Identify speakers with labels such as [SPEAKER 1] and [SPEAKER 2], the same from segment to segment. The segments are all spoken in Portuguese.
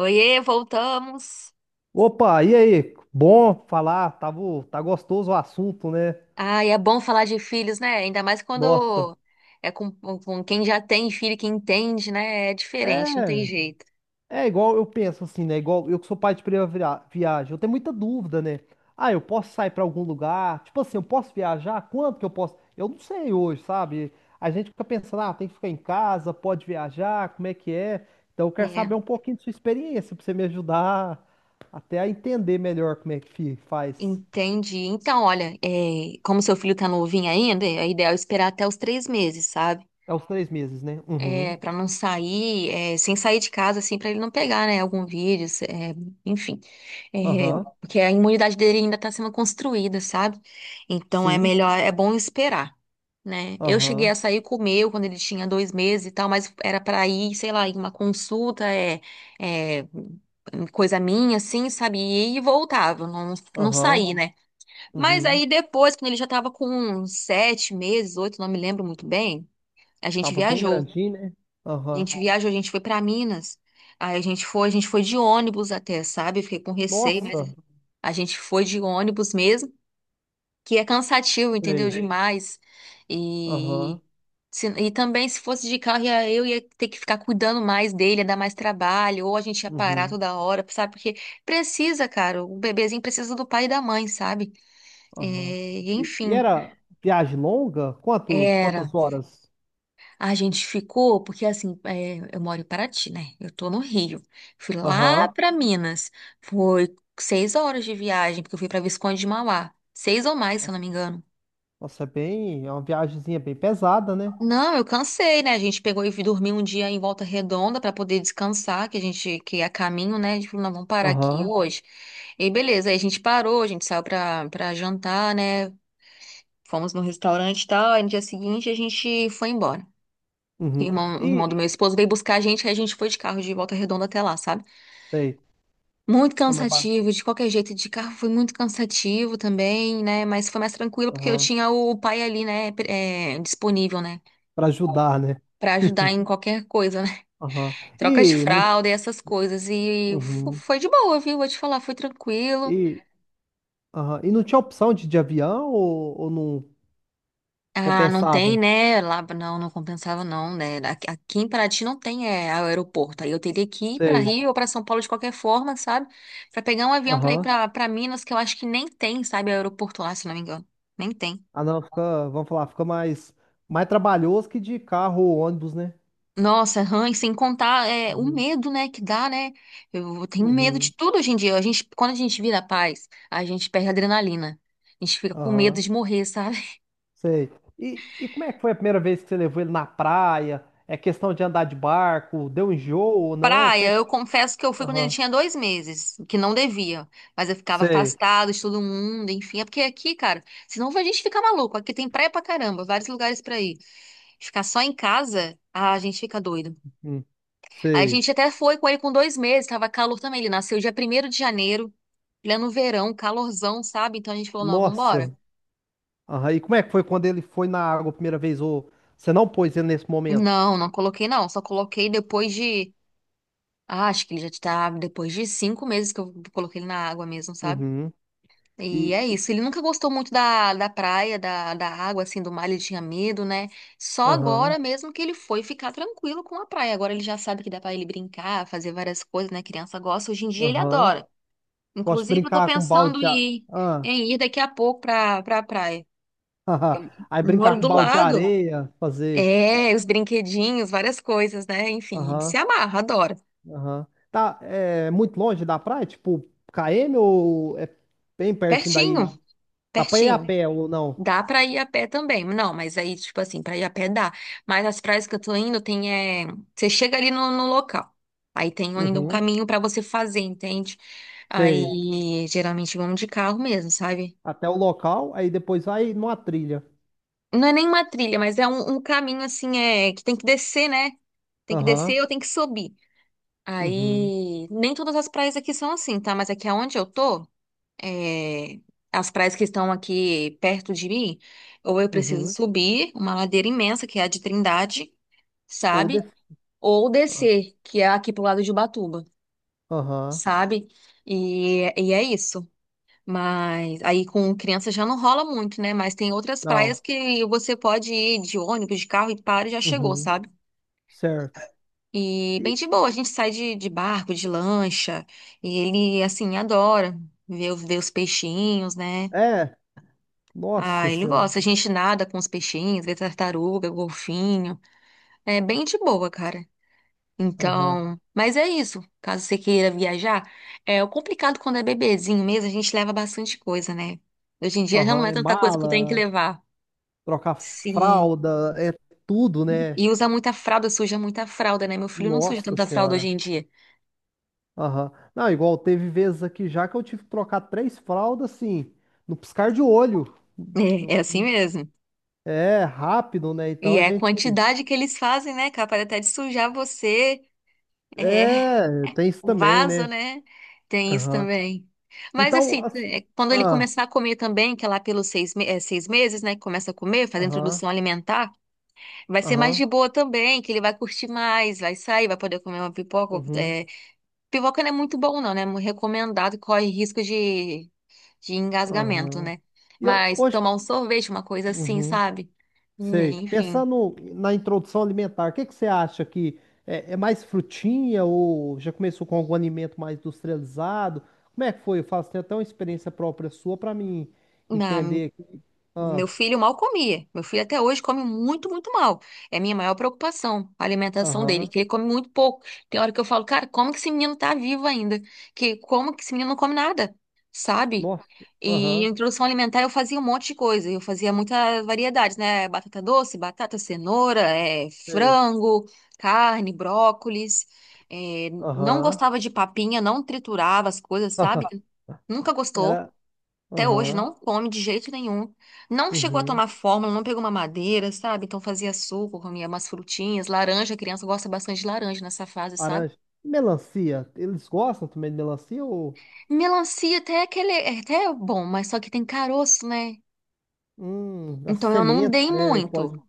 [SPEAKER 1] Oiê, voltamos.
[SPEAKER 2] Opa, e aí? Bom falar, tava, tá gostoso o assunto, né?
[SPEAKER 1] Ah, e é bom falar de filhos, né? Ainda mais
[SPEAKER 2] Nossa,
[SPEAKER 1] quando é com quem já tem filho, que entende, né? É
[SPEAKER 2] é,
[SPEAKER 1] diferente, não tem jeito.
[SPEAKER 2] é igual eu penso assim, né? Igual eu que sou pai de primeira viagem, eu tenho muita dúvida, né? Ah, eu posso sair pra algum lugar? Tipo assim, eu posso viajar? Quanto que eu posso? Eu não sei hoje, sabe? A gente fica pensando, ah, tem que ficar em casa, pode viajar, como é que é? Então eu quero
[SPEAKER 1] É,
[SPEAKER 2] saber um pouquinho de sua experiência pra você me ajudar até a entender melhor como é que faz.
[SPEAKER 1] entendi. Então, olha, como seu filho tá novinho ainda, é ideal esperar até os 3 meses, sabe?
[SPEAKER 2] É os 3 meses, né? Uhum.
[SPEAKER 1] É, para não sair, sem sair de casa, assim, para ele não pegar, né? Algum vírus, enfim. É,
[SPEAKER 2] Aham.
[SPEAKER 1] porque a imunidade dele ainda tá sendo construída, sabe? Então, é
[SPEAKER 2] Sim.
[SPEAKER 1] melhor, é bom esperar. Né? Eu cheguei a
[SPEAKER 2] Aham,
[SPEAKER 1] sair com o meu quando ele tinha 2 meses e tal, mas era pra ir, sei lá, em uma consulta, é, coisa minha, assim, sabe? E voltava, não, não
[SPEAKER 2] aham,
[SPEAKER 1] saí, né? Mas
[SPEAKER 2] uhum.
[SPEAKER 1] aí depois, quando ele já tava com uns 7 meses, oito, não me lembro muito bem, a gente
[SPEAKER 2] Tava bem
[SPEAKER 1] viajou.
[SPEAKER 2] grandinho, né?
[SPEAKER 1] A
[SPEAKER 2] Aham.
[SPEAKER 1] gente viajou, a gente foi pra Minas. Aí a gente foi de ônibus até, sabe? Fiquei com receio, mas
[SPEAKER 2] Nossa,
[SPEAKER 1] a gente foi de ônibus mesmo, que é cansativo, entendeu?
[SPEAKER 2] sei.
[SPEAKER 1] Demais. E
[SPEAKER 2] Aham,
[SPEAKER 1] E também, se fosse de carro, eu ia ter que ficar cuidando mais dele, ia dar mais trabalho, ou a gente ia parar
[SPEAKER 2] uhum,
[SPEAKER 1] toda hora, sabe? Porque precisa, cara, o bebezinho precisa do pai e da mãe, sabe? É,
[SPEAKER 2] aham. E
[SPEAKER 1] enfim,
[SPEAKER 2] era viagem longa? Quanto, quantas
[SPEAKER 1] era.
[SPEAKER 2] horas?
[SPEAKER 1] A gente ficou, porque assim, é, eu moro em Paraty, né? Eu tô no Rio. Fui lá
[SPEAKER 2] Aham.
[SPEAKER 1] pra Minas. Foi 6 horas de viagem, porque eu fui pra Visconde de Mauá. Seis ou mais, se eu não me engano.
[SPEAKER 2] Nossa, é bem, é uma viagemzinha bem pesada, né?
[SPEAKER 1] Não, eu cansei, né? A gente pegou e dormiu um dia em Volta Redonda para poder descansar, que a gente que é a caminho, né? A gente falou, não, vamos parar aqui
[SPEAKER 2] Aham,
[SPEAKER 1] hoje. E aí, beleza, aí a gente parou, a gente saiu para jantar, né? Fomos no restaurante e tal, aí no dia seguinte a gente foi embora.
[SPEAKER 2] uhum.
[SPEAKER 1] O
[SPEAKER 2] E,
[SPEAKER 1] irmão do meu esposo veio buscar a gente, aí a gente foi de carro de Volta Redonda até lá, sabe?
[SPEAKER 2] sei,
[SPEAKER 1] Muito
[SPEAKER 2] não, mas pra,
[SPEAKER 1] cansativo, de qualquer jeito, de carro foi muito cansativo também, né? Mas foi mais tranquilo porque eu
[SPEAKER 2] aham,
[SPEAKER 1] tinha o pai ali, né, é, disponível, né?
[SPEAKER 2] pra ajudar, né?
[SPEAKER 1] Pra ajudar em qualquer coisa,
[SPEAKER 2] Aham.
[SPEAKER 1] troca de
[SPEAKER 2] E, não,
[SPEAKER 1] fralda e essas coisas. E fo-
[SPEAKER 2] uhum.
[SPEAKER 1] foi de boa, viu? Vou te falar, foi tranquilo.
[SPEAKER 2] E, aham. E não tinha opção de avião ou não
[SPEAKER 1] Ah, não tem,
[SPEAKER 2] compensava?
[SPEAKER 1] né? Lá, não, não compensava, não, né? Aqui em Paraty não tem é, aeroporto. Aí eu teria que ir para
[SPEAKER 2] Sei.
[SPEAKER 1] Rio ou para São Paulo de qualquer forma, sabe? Para pegar um avião para ir
[SPEAKER 2] Aham.
[SPEAKER 1] para Minas, que eu acho que nem tem, sabe? Aeroporto lá, se não me engano. Nem tem.
[SPEAKER 2] Ah, não, fica, vamos falar, fica mais, mais trabalhoso que de carro ou ônibus, né?
[SPEAKER 1] Nossa, e sem contar o
[SPEAKER 2] Uhum.
[SPEAKER 1] medo, né, que dá, né? Eu tenho medo de
[SPEAKER 2] Uhum,
[SPEAKER 1] tudo hoje em dia. A gente, quando a gente vira paz, a gente perde a adrenalina. A gente fica com medo
[SPEAKER 2] aham,
[SPEAKER 1] de morrer, sabe?
[SPEAKER 2] sei. E como é que foi a primeira vez que você levou ele na praia? É questão de andar de barco? Deu enjoo ou não? Como é
[SPEAKER 1] Praia,
[SPEAKER 2] que...
[SPEAKER 1] eu confesso que eu fui quando ele
[SPEAKER 2] Aham,
[SPEAKER 1] tinha dois meses, que não devia, mas eu ficava
[SPEAKER 2] sei.
[SPEAKER 1] afastado de todo mundo, enfim, é porque aqui, cara, senão a gente fica maluco, aqui tem praia pra caramba, vários lugares pra ir, ficar só em casa, ah, a gente fica doido.
[SPEAKER 2] Hum,
[SPEAKER 1] Aí a
[SPEAKER 2] sei.
[SPEAKER 1] gente até foi com ele com 2 meses, tava calor também, ele nasceu dia 1º de janeiro, ele é no verão, calorzão, sabe, então a gente falou, não,
[SPEAKER 2] Nossa.
[SPEAKER 1] vambora.
[SPEAKER 2] Aham, e como é que foi quando ele foi na água a primeira vez? Ou você não pôs ele nesse momento?
[SPEAKER 1] Não, não coloquei não, só coloquei depois de, ah, acho que ele já tá, depois de 5 meses que eu coloquei ele na água mesmo, sabe?
[SPEAKER 2] Uhum.
[SPEAKER 1] E
[SPEAKER 2] E,
[SPEAKER 1] é isso. Ele nunca gostou muito da praia, da água, assim, do mar, ele tinha medo, né? Só
[SPEAKER 2] aham,
[SPEAKER 1] agora mesmo que ele foi ficar tranquilo com a praia. Agora ele já sabe que dá pra ele brincar, fazer várias coisas, né? Criança gosta. Hoje em dia ele
[SPEAKER 2] aham.
[SPEAKER 1] adora.
[SPEAKER 2] Gosto de
[SPEAKER 1] Inclusive, eu tô
[SPEAKER 2] brincar com balde
[SPEAKER 1] pensando
[SPEAKER 2] de água.
[SPEAKER 1] em, ir daqui a pouco pra praia. Eu
[SPEAKER 2] Aí brincar
[SPEAKER 1] moro
[SPEAKER 2] com
[SPEAKER 1] do
[SPEAKER 2] balde de
[SPEAKER 1] lado.
[SPEAKER 2] areia, fazer.
[SPEAKER 1] É, os brinquedinhos, várias coisas, né? Enfim, ele se
[SPEAKER 2] Aham,
[SPEAKER 1] amarra, adora.
[SPEAKER 2] aham. Tá, é muito longe da praia? Tipo, KM ou é bem pertinho daí?
[SPEAKER 1] Pertinho,
[SPEAKER 2] Dá pra ir a
[SPEAKER 1] pertinho.
[SPEAKER 2] pé ou não?
[SPEAKER 1] Dá pra ir a pé também. Não, mas aí, tipo assim, pra ir a pé dá. Mas as praias que eu tô indo, tem, é... Você chega ali no local. Aí tem ainda um
[SPEAKER 2] Uhum,
[SPEAKER 1] caminho pra você fazer, entende?
[SPEAKER 2] sei.
[SPEAKER 1] Aí, geralmente, vamos de carro mesmo, sabe?
[SPEAKER 2] Até o local, aí depois vai numa trilha.
[SPEAKER 1] Não é nem uma trilha, mas é um caminho, assim, é... Que tem que descer, né? Tem que
[SPEAKER 2] Aham,
[SPEAKER 1] descer ou tem que subir.
[SPEAKER 2] uhum,
[SPEAKER 1] Aí, nem todas as praias aqui são assim, tá? Mas aqui aonde eu tô... é, as praias que estão aqui perto de mim, ou eu preciso
[SPEAKER 2] uhum.
[SPEAKER 1] subir uma ladeira imensa, que é a de Trindade,
[SPEAKER 2] Ou
[SPEAKER 1] sabe?
[SPEAKER 2] de...
[SPEAKER 1] Ou
[SPEAKER 2] ah,
[SPEAKER 1] descer, que é aqui pro lado de Ubatuba,
[SPEAKER 2] Aham,
[SPEAKER 1] sabe? E é isso. Mas aí com criança já não rola muito, né? Mas tem outras praias
[SPEAKER 2] não.
[SPEAKER 1] que você pode ir de ônibus, de carro e para e já chegou,
[SPEAKER 2] Uhum,
[SPEAKER 1] sabe?
[SPEAKER 2] certo.
[SPEAKER 1] E bem
[SPEAKER 2] E,
[SPEAKER 1] de boa, a gente sai de barco, de lancha, e ele, assim, adora ver os peixinhos, né?
[SPEAKER 2] é, nossa
[SPEAKER 1] Ah, ele
[SPEAKER 2] senhora.
[SPEAKER 1] gosta. A gente nada com os peixinhos, vê tartaruga, golfinho. É bem de boa, cara.
[SPEAKER 2] Aham,
[SPEAKER 1] Então, mas é isso. Caso você queira viajar, é o complicado quando é bebezinho mesmo, a gente leva bastante coisa, né? Hoje em dia já
[SPEAKER 2] aham.
[SPEAKER 1] não é
[SPEAKER 2] É
[SPEAKER 1] tanta coisa que eu tenho que
[SPEAKER 2] mala,
[SPEAKER 1] levar.
[SPEAKER 2] trocar
[SPEAKER 1] Sim.
[SPEAKER 2] fralda, é tudo, né?
[SPEAKER 1] E usa muita fralda, suja muita fralda, né? Meu filho não suja
[SPEAKER 2] Nossa
[SPEAKER 1] tanta fralda hoje
[SPEAKER 2] senhora.
[SPEAKER 1] em dia.
[SPEAKER 2] Aham. Não, igual teve vezes aqui já que eu tive que trocar 3 fraldas, assim, no piscar de olho.
[SPEAKER 1] É, é assim mesmo.
[SPEAKER 2] É, rápido, né? Então
[SPEAKER 1] E
[SPEAKER 2] a
[SPEAKER 1] é a
[SPEAKER 2] gente.
[SPEAKER 1] quantidade que eles fazem, né. Capaz até de sujar você. É,
[SPEAKER 2] É, tem isso
[SPEAKER 1] O
[SPEAKER 2] também,
[SPEAKER 1] vaso,
[SPEAKER 2] né?
[SPEAKER 1] né? Tem isso
[SPEAKER 2] Aham.
[SPEAKER 1] também. Mas
[SPEAKER 2] Então,
[SPEAKER 1] assim, é, quando ele
[SPEAKER 2] ah,
[SPEAKER 1] começar a comer também, que é lá pelos 6 meses, né? Que começa a comer, fazer a
[SPEAKER 2] aham,
[SPEAKER 1] introdução alimentar, vai ser mais
[SPEAKER 2] aham,
[SPEAKER 1] de boa também, que ele vai curtir mais, vai sair, vai poder comer uma pipoca.
[SPEAKER 2] uhum,
[SPEAKER 1] Pipoca não é muito bom, não, né? É muito recomendado, corre risco de engasgamento,
[SPEAKER 2] aham.
[SPEAKER 1] né?
[SPEAKER 2] E eu,
[SPEAKER 1] Mas
[SPEAKER 2] hoje.
[SPEAKER 1] tomar um sorvete, uma coisa assim,
[SPEAKER 2] Uhum.
[SPEAKER 1] sabe?
[SPEAKER 2] Sei.
[SPEAKER 1] Enfim.
[SPEAKER 2] Pensando na introdução alimentar, o que que você acha que é, é mais frutinha ou já começou com algum alimento mais industrializado? Como é que foi? Eu faço até uma experiência própria sua para mim
[SPEAKER 1] Não.
[SPEAKER 2] entender. Aqui. Ah,
[SPEAKER 1] Meu filho mal comia. Meu filho até hoje come muito, muito mal. É a minha maior preocupação, a alimentação dele,
[SPEAKER 2] aham.
[SPEAKER 1] que ele come muito pouco. Tem hora que eu falo, cara, como que esse menino tá vivo ainda? Que como que esse menino não come nada, sabe?
[SPEAKER 2] Nossa.
[SPEAKER 1] E
[SPEAKER 2] Aham.
[SPEAKER 1] introdução alimentar eu fazia um monte de coisa. Eu fazia muitas variedades, né? Batata doce, batata, cenoura, é,
[SPEAKER 2] Sei.
[SPEAKER 1] frango, carne, brócolis. É, não
[SPEAKER 2] Aham.
[SPEAKER 1] gostava de papinha, não triturava as coisas, sabe? Nunca gostou.
[SPEAKER 2] Era.
[SPEAKER 1] Até hoje
[SPEAKER 2] Aham.
[SPEAKER 1] não come de jeito nenhum. Não chegou a
[SPEAKER 2] Uhum.
[SPEAKER 1] tomar fórmula, não pegou uma madeira, sabe? Então fazia suco, comia umas frutinhas, laranja, a criança gosta bastante de laranja nessa fase, sabe?
[SPEAKER 2] Laranja. Melancia. Eles gostam também de melancia ou
[SPEAKER 1] Melancia até é aquele, é até bom, mas só que tem caroço, né?
[SPEAKER 2] as
[SPEAKER 1] Então eu não
[SPEAKER 2] sementes,
[SPEAKER 1] dei
[SPEAKER 2] né? E
[SPEAKER 1] muito.
[SPEAKER 2] pode.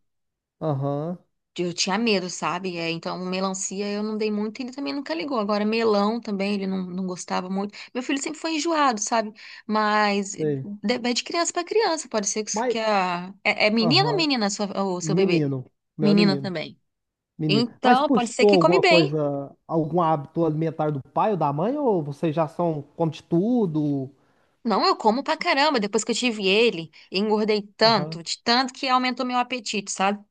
[SPEAKER 2] Aham.
[SPEAKER 1] Eu tinha medo, sabe? É, então, melancia eu não dei muito, ele também nunca ligou. Agora, melão também, ele não, não gostava muito. Meu filho sempre foi enjoado, sabe? Mas
[SPEAKER 2] Sei.
[SPEAKER 1] vai de criança para criança, pode ser que
[SPEAKER 2] Mas.
[SPEAKER 1] a. É menina ou
[SPEAKER 2] Aham.
[SPEAKER 1] o seu bebê?
[SPEAKER 2] Menino. O Meu é
[SPEAKER 1] Menina
[SPEAKER 2] menino.
[SPEAKER 1] também.
[SPEAKER 2] Menino. Mas
[SPEAKER 1] Então, pode ser
[SPEAKER 2] puxou
[SPEAKER 1] que come
[SPEAKER 2] alguma
[SPEAKER 1] bem.
[SPEAKER 2] coisa, algum hábito alimentar do pai ou da mãe? Ou vocês já são, come de tudo?
[SPEAKER 1] Não, eu como pra caramba. Depois que eu tive ele, engordei
[SPEAKER 2] Aham.
[SPEAKER 1] tanto, de tanto que aumentou meu apetite, sabe?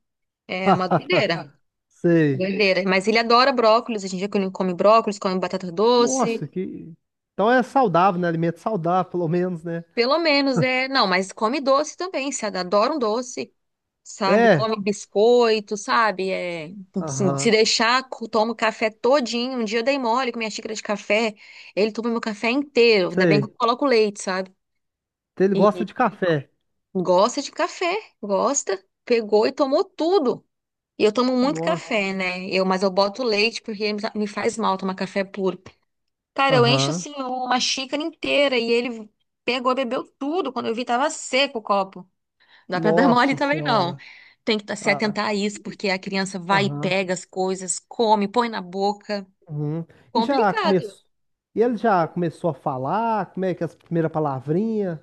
[SPEAKER 1] É uma doideira,
[SPEAKER 2] Sei.
[SPEAKER 1] doideira. Mas ele adora brócolis, a gente já come brócolis, come batata doce.
[SPEAKER 2] Nossa, que. Então é saudável, né? Alimento saudável, pelo menos, né?
[SPEAKER 1] Pelo menos, é. Não, mas come doce também, se adora um doce, sabe?
[SPEAKER 2] É.
[SPEAKER 1] Come biscoito, sabe? É, se
[SPEAKER 2] Aham.
[SPEAKER 1] deixar, toma o café todinho. Um dia eu dei mole com minha xícara de café, ele toma meu café inteiro. Ainda bem que eu
[SPEAKER 2] Sei.
[SPEAKER 1] coloco leite, sabe?
[SPEAKER 2] Então Ele gosta
[SPEAKER 1] E
[SPEAKER 2] de café.
[SPEAKER 1] gosta de café, gosta. Pegou e tomou tudo. E eu tomo muito
[SPEAKER 2] Nossa.
[SPEAKER 1] café, né? Eu, mas eu boto leite porque me faz mal tomar café puro. Cara, eu encho
[SPEAKER 2] Aham.
[SPEAKER 1] assim uma xícara inteira e ele pegou e bebeu tudo. Quando eu vi, tava seco o copo. Não dá pra dar mole
[SPEAKER 2] Nossa
[SPEAKER 1] também, não.
[SPEAKER 2] Senhora.
[SPEAKER 1] Tem que se
[SPEAKER 2] Ah.
[SPEAKER 1] atentar a isso,
[SPEAKER 2] E-
[SPEAKER 1] porque a criança vai e
[SPEAKER 2] Aham.
[SPEAKER 1] pega as coisas, come, põe na boca.
[SPEAKER 2] Uhum. E já
[SPEAKER 1] Complicado.
[SPEAKER 2] começou. E ele já começou a falar? Como é que é as primeiras palavrinhas?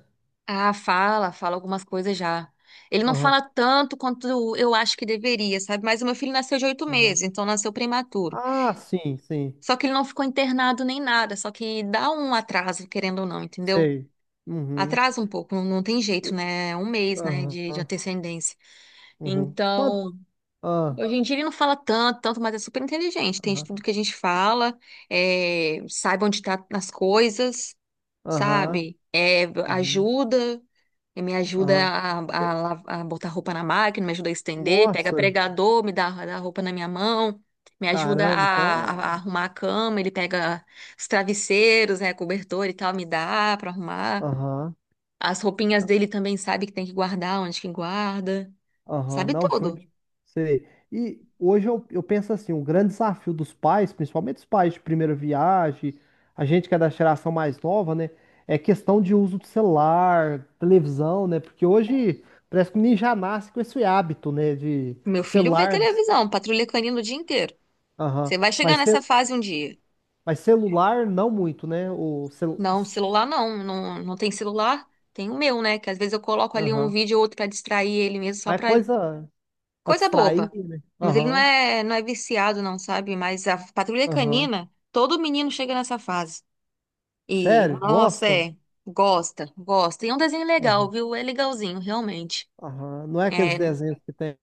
[SPEAKER 1] Ah, fala algumas coisas já. Ele não
[SPEAKER 2] Aham.
[SPEAKER 1] fala tanto quanto eu acho que deveria, sabe? Mas o meu filho nasceu de oito
[SPEAKER 2] Aham.
[SPEAKER 1] meses, então nasceu prematuro.
[SPEAKER 2] Ah, sim, sim.
[SPEAKER 1] Só que ele não ficou internado nem nada, só que dá um atraso, querendo ou não, entendeu?
[SPEAKER 2] Sei. Uhum.
[SPEAKER 1] Atrasa um pouco, não, não tem jeito,
[SPEAKER 2] O-
[SPEAKER 1] né? É um mês, né, de,
[SPEAKER 2] Aham.
[SPEAKER 1] antecedência.
[SPEAKER 2] Uhum. Quanto?
[SPEAKER 1] Então,
[SPEAKER 2] Ah,
[SPEAKER 1] hoje em dia ele não fala tanto, tanto, mas é super inteligente. Tem de tudo
[SPEAKER 2] aham.
[SPEAKER 1] que a gente fala, sabe onde tá nas coisas,
[SPEAKER 2] Aham.
[SPEAKER 1] sabe? É,
[SPEAKER 2] Uhum.
[SPEAKER 1] ajuda, me ajuda
[SPEAKER 2] Aham.
[SPEAKER 1] a, a
[SPEAKER 2] Eu-
[SPEAKER 1] la- a botar roupa na máquina, me ajuda a estender, pega
[SPEAKER 2] Nossa,
[SPEAKER 1] pregador, me dá roupa na minha mão, me ajuda
[SPEAKER 2] caramba, então
[SPEAKER 1] a, a-
[SPEAKER 2] é.
[SPEAKER 1] a arrumar a cama, ele pega os travesseiros, né, cobertor e tal, me dá pra arrumar.
[SPEAKER 2] Aham.
[SPEAKER 1] As roupinhas dele também sabe que tem que guardar, onde que guarda,
[SPEAKER 2] Aham.
[SPEAKER 1] sabe
[SPEAKER 2] Não, show de.
[SPEAKER 1] tudo.
[SPEAKER 2] Sei. E hoje eu penso assim, o grande desafio dos pais, principalmente os pais de primeira viagem, a gente que é da geração mais nova, né? É questão de uso do celular, televisão, né? Porque hoje parece que o menino já nasce com esse hábito, né? De
[SPEAKER 1] Meu filho vê
[SPEAKER 2] celular.
[SPEAKER 1] televisão, patrulha canina o dia inteiro.
[SPEAKER 2] Aham.
[SPEAKER 1] Você vai chegar
[SPEAKER 2] Mas,
[SPEAKER 1] nessa
[SPEAKER 2] cel-
[SPEAKER 1] fase um dia.
[SPEAKER 2] mas celular, não muito, né? O cel...
[SPEAKER 1] Não, celular não, não, não tem celular. Tem o meu, né? Que às vezes eu coloco ali um
[SPEAKER 2] Aham.
[SPEAKER 1] vídeo ou outro pra distrair ele mesmo, só
[SPEAKER 2] Mas é
[SPEAKER 1] pra ele.
[SPEAKER 2] coisa pra
[SPEAKER 1] Coisa
[SPEAKER 2] distrair,
[SPEAKER 1] boba.
[SPEAKER 2] né?
[SPEAKER 1] Mas ele não
[SPEAKER 2] Aham.
[SPEAKER 1] é, não é viciado, não, sabe? Mas a patrulha
[SPEAKER 2] Aham.
[SPEAKER 1] canina, todo menino chega nessa fase. E,
[SPEAKER 2] Sério?
[SPEAKER 1] nossa,
[SPEAKER 2] Gosta?
[SPEAKER 1] é. Gosta, gosta. E é um desenho legal,
[SPEAKER 2] Aham.
[SPEAKER 1] viu? É legalzinho, realmente.
[SPEAKER 2] Aham. Não é aqueles
[SPEAKER 1] É
[SPEAKER 2] desenhos que tem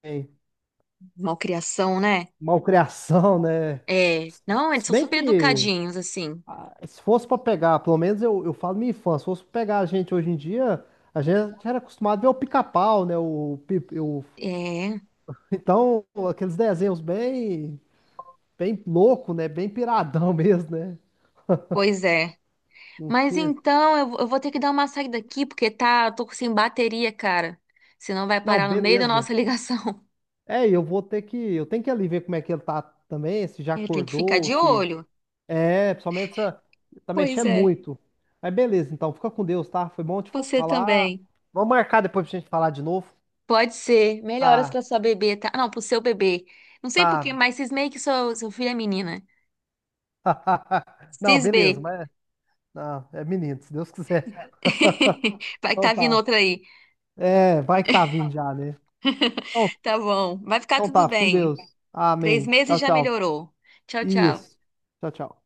[SPEAKER 1] malcriação, né?
[SPEAKER 2] malcriação, né?
[SPEAKER 1] É. Não, eles
[SPEAKER 2] Se
[SPEAKER 1] são
[SPEAKER 2] bem
[SPEAKER 1] super
[SPEAKER 2] que,
[SPEAKER 1] educadinhos, assim.
[SPEAKER 2] ah, se fosse pra pegar, pelo menos eu falo minha infância, se fosse pra pegar a gente hoje em dia, a gente era acostumado a ver o pica-pau, né?
[SPEAKER 1] É,
[SPEAKER 2] Então, aqueles desenhos bem, bem louco, né? Bem piradão mesmo, né?
[SPEAKER 1] pois é.
[SPEAKER 2] Não
[SPEAKER 1] Mas
[SPEAKER 2] tinha.
[SPEAKER 1] então, eu vou ter que dar uma saída aqui, porque tá, eu tô sem bateria, cara. Senão vai
[SPEAKER 2] Não,
[SPEAKER 1] parar no meio da
[SPEAKER 2] beleza.
[SPEAKER 1] nossa ligação.
[SPEAKER 2] É, eu vou ter que. Eu tenho que ali ver como é que ele tá também, se já
[SPEAKER 1] É, tem que ficar
[SPEAKER 2] acordou,
[SPEAKER 1] de
[SPEAKER 2] se.
[SPEAKER 1] olho.
[SPEAKER 2] É, principalmente essa. Tá
[SPEAKER 1] Pois
[SPEAKER 2] mexendo
[SPEAKER 1] é.
[SPEAKER 2] muito. Mas beleza, então, fica com Deus, tá? Foi bom te
[SPEAKER 1] Você
[SPEAKER 2] falar.
[SPEAKER 1] também.
[SPEAKER 2] Vamos marcar depois pra gente falar de novo.
[SPEAKER 1] Pode ser. Melhoras
[SPEAKER 2] Ah,
[SPEAKER 1] pra sua bebê, tá? Ah, não, pro seu bebê. Não sei por quê,
[SPEAKER 2] tá.
[SPEAKER 1] mas cismei que seu filho é menina.
[SPEAKER 2] Não, beleza,
[SPEAKER 1] Cismei.
[SPEAKER 2] mas. Não, é menino, se Deus quiser.
[SPEAKER 1] Vai que
[SPEAKER 2] Então
[SPEAKER 1] tá vindo
[SPEAKER 2] tá.
[SPEAKER 1] outra aí.
[SPEAKER 2] É, vai que tá vindo já, né? Então,
[SPEAKER 1] Tá bom. Vai ficar
[SPEAKER 2] então tá,
[SPEAKER 1] tudo
[SPEAKER 2] fica com
[SPEAKER 1] bem.
[SPEAKER 2] Deus.
[SPEAKER 1] Três
[SPEAKER 2] Amém.
[SPEAKER 1] meses
[SPEAKER 2] Tchau,
[SPEAKER 1] já
[SPEAKER 2] tchau.
[SPEAKER 1] melhorou. Tchau, tchau.
[SPEAKER 2] Isso. Tchau, tchau.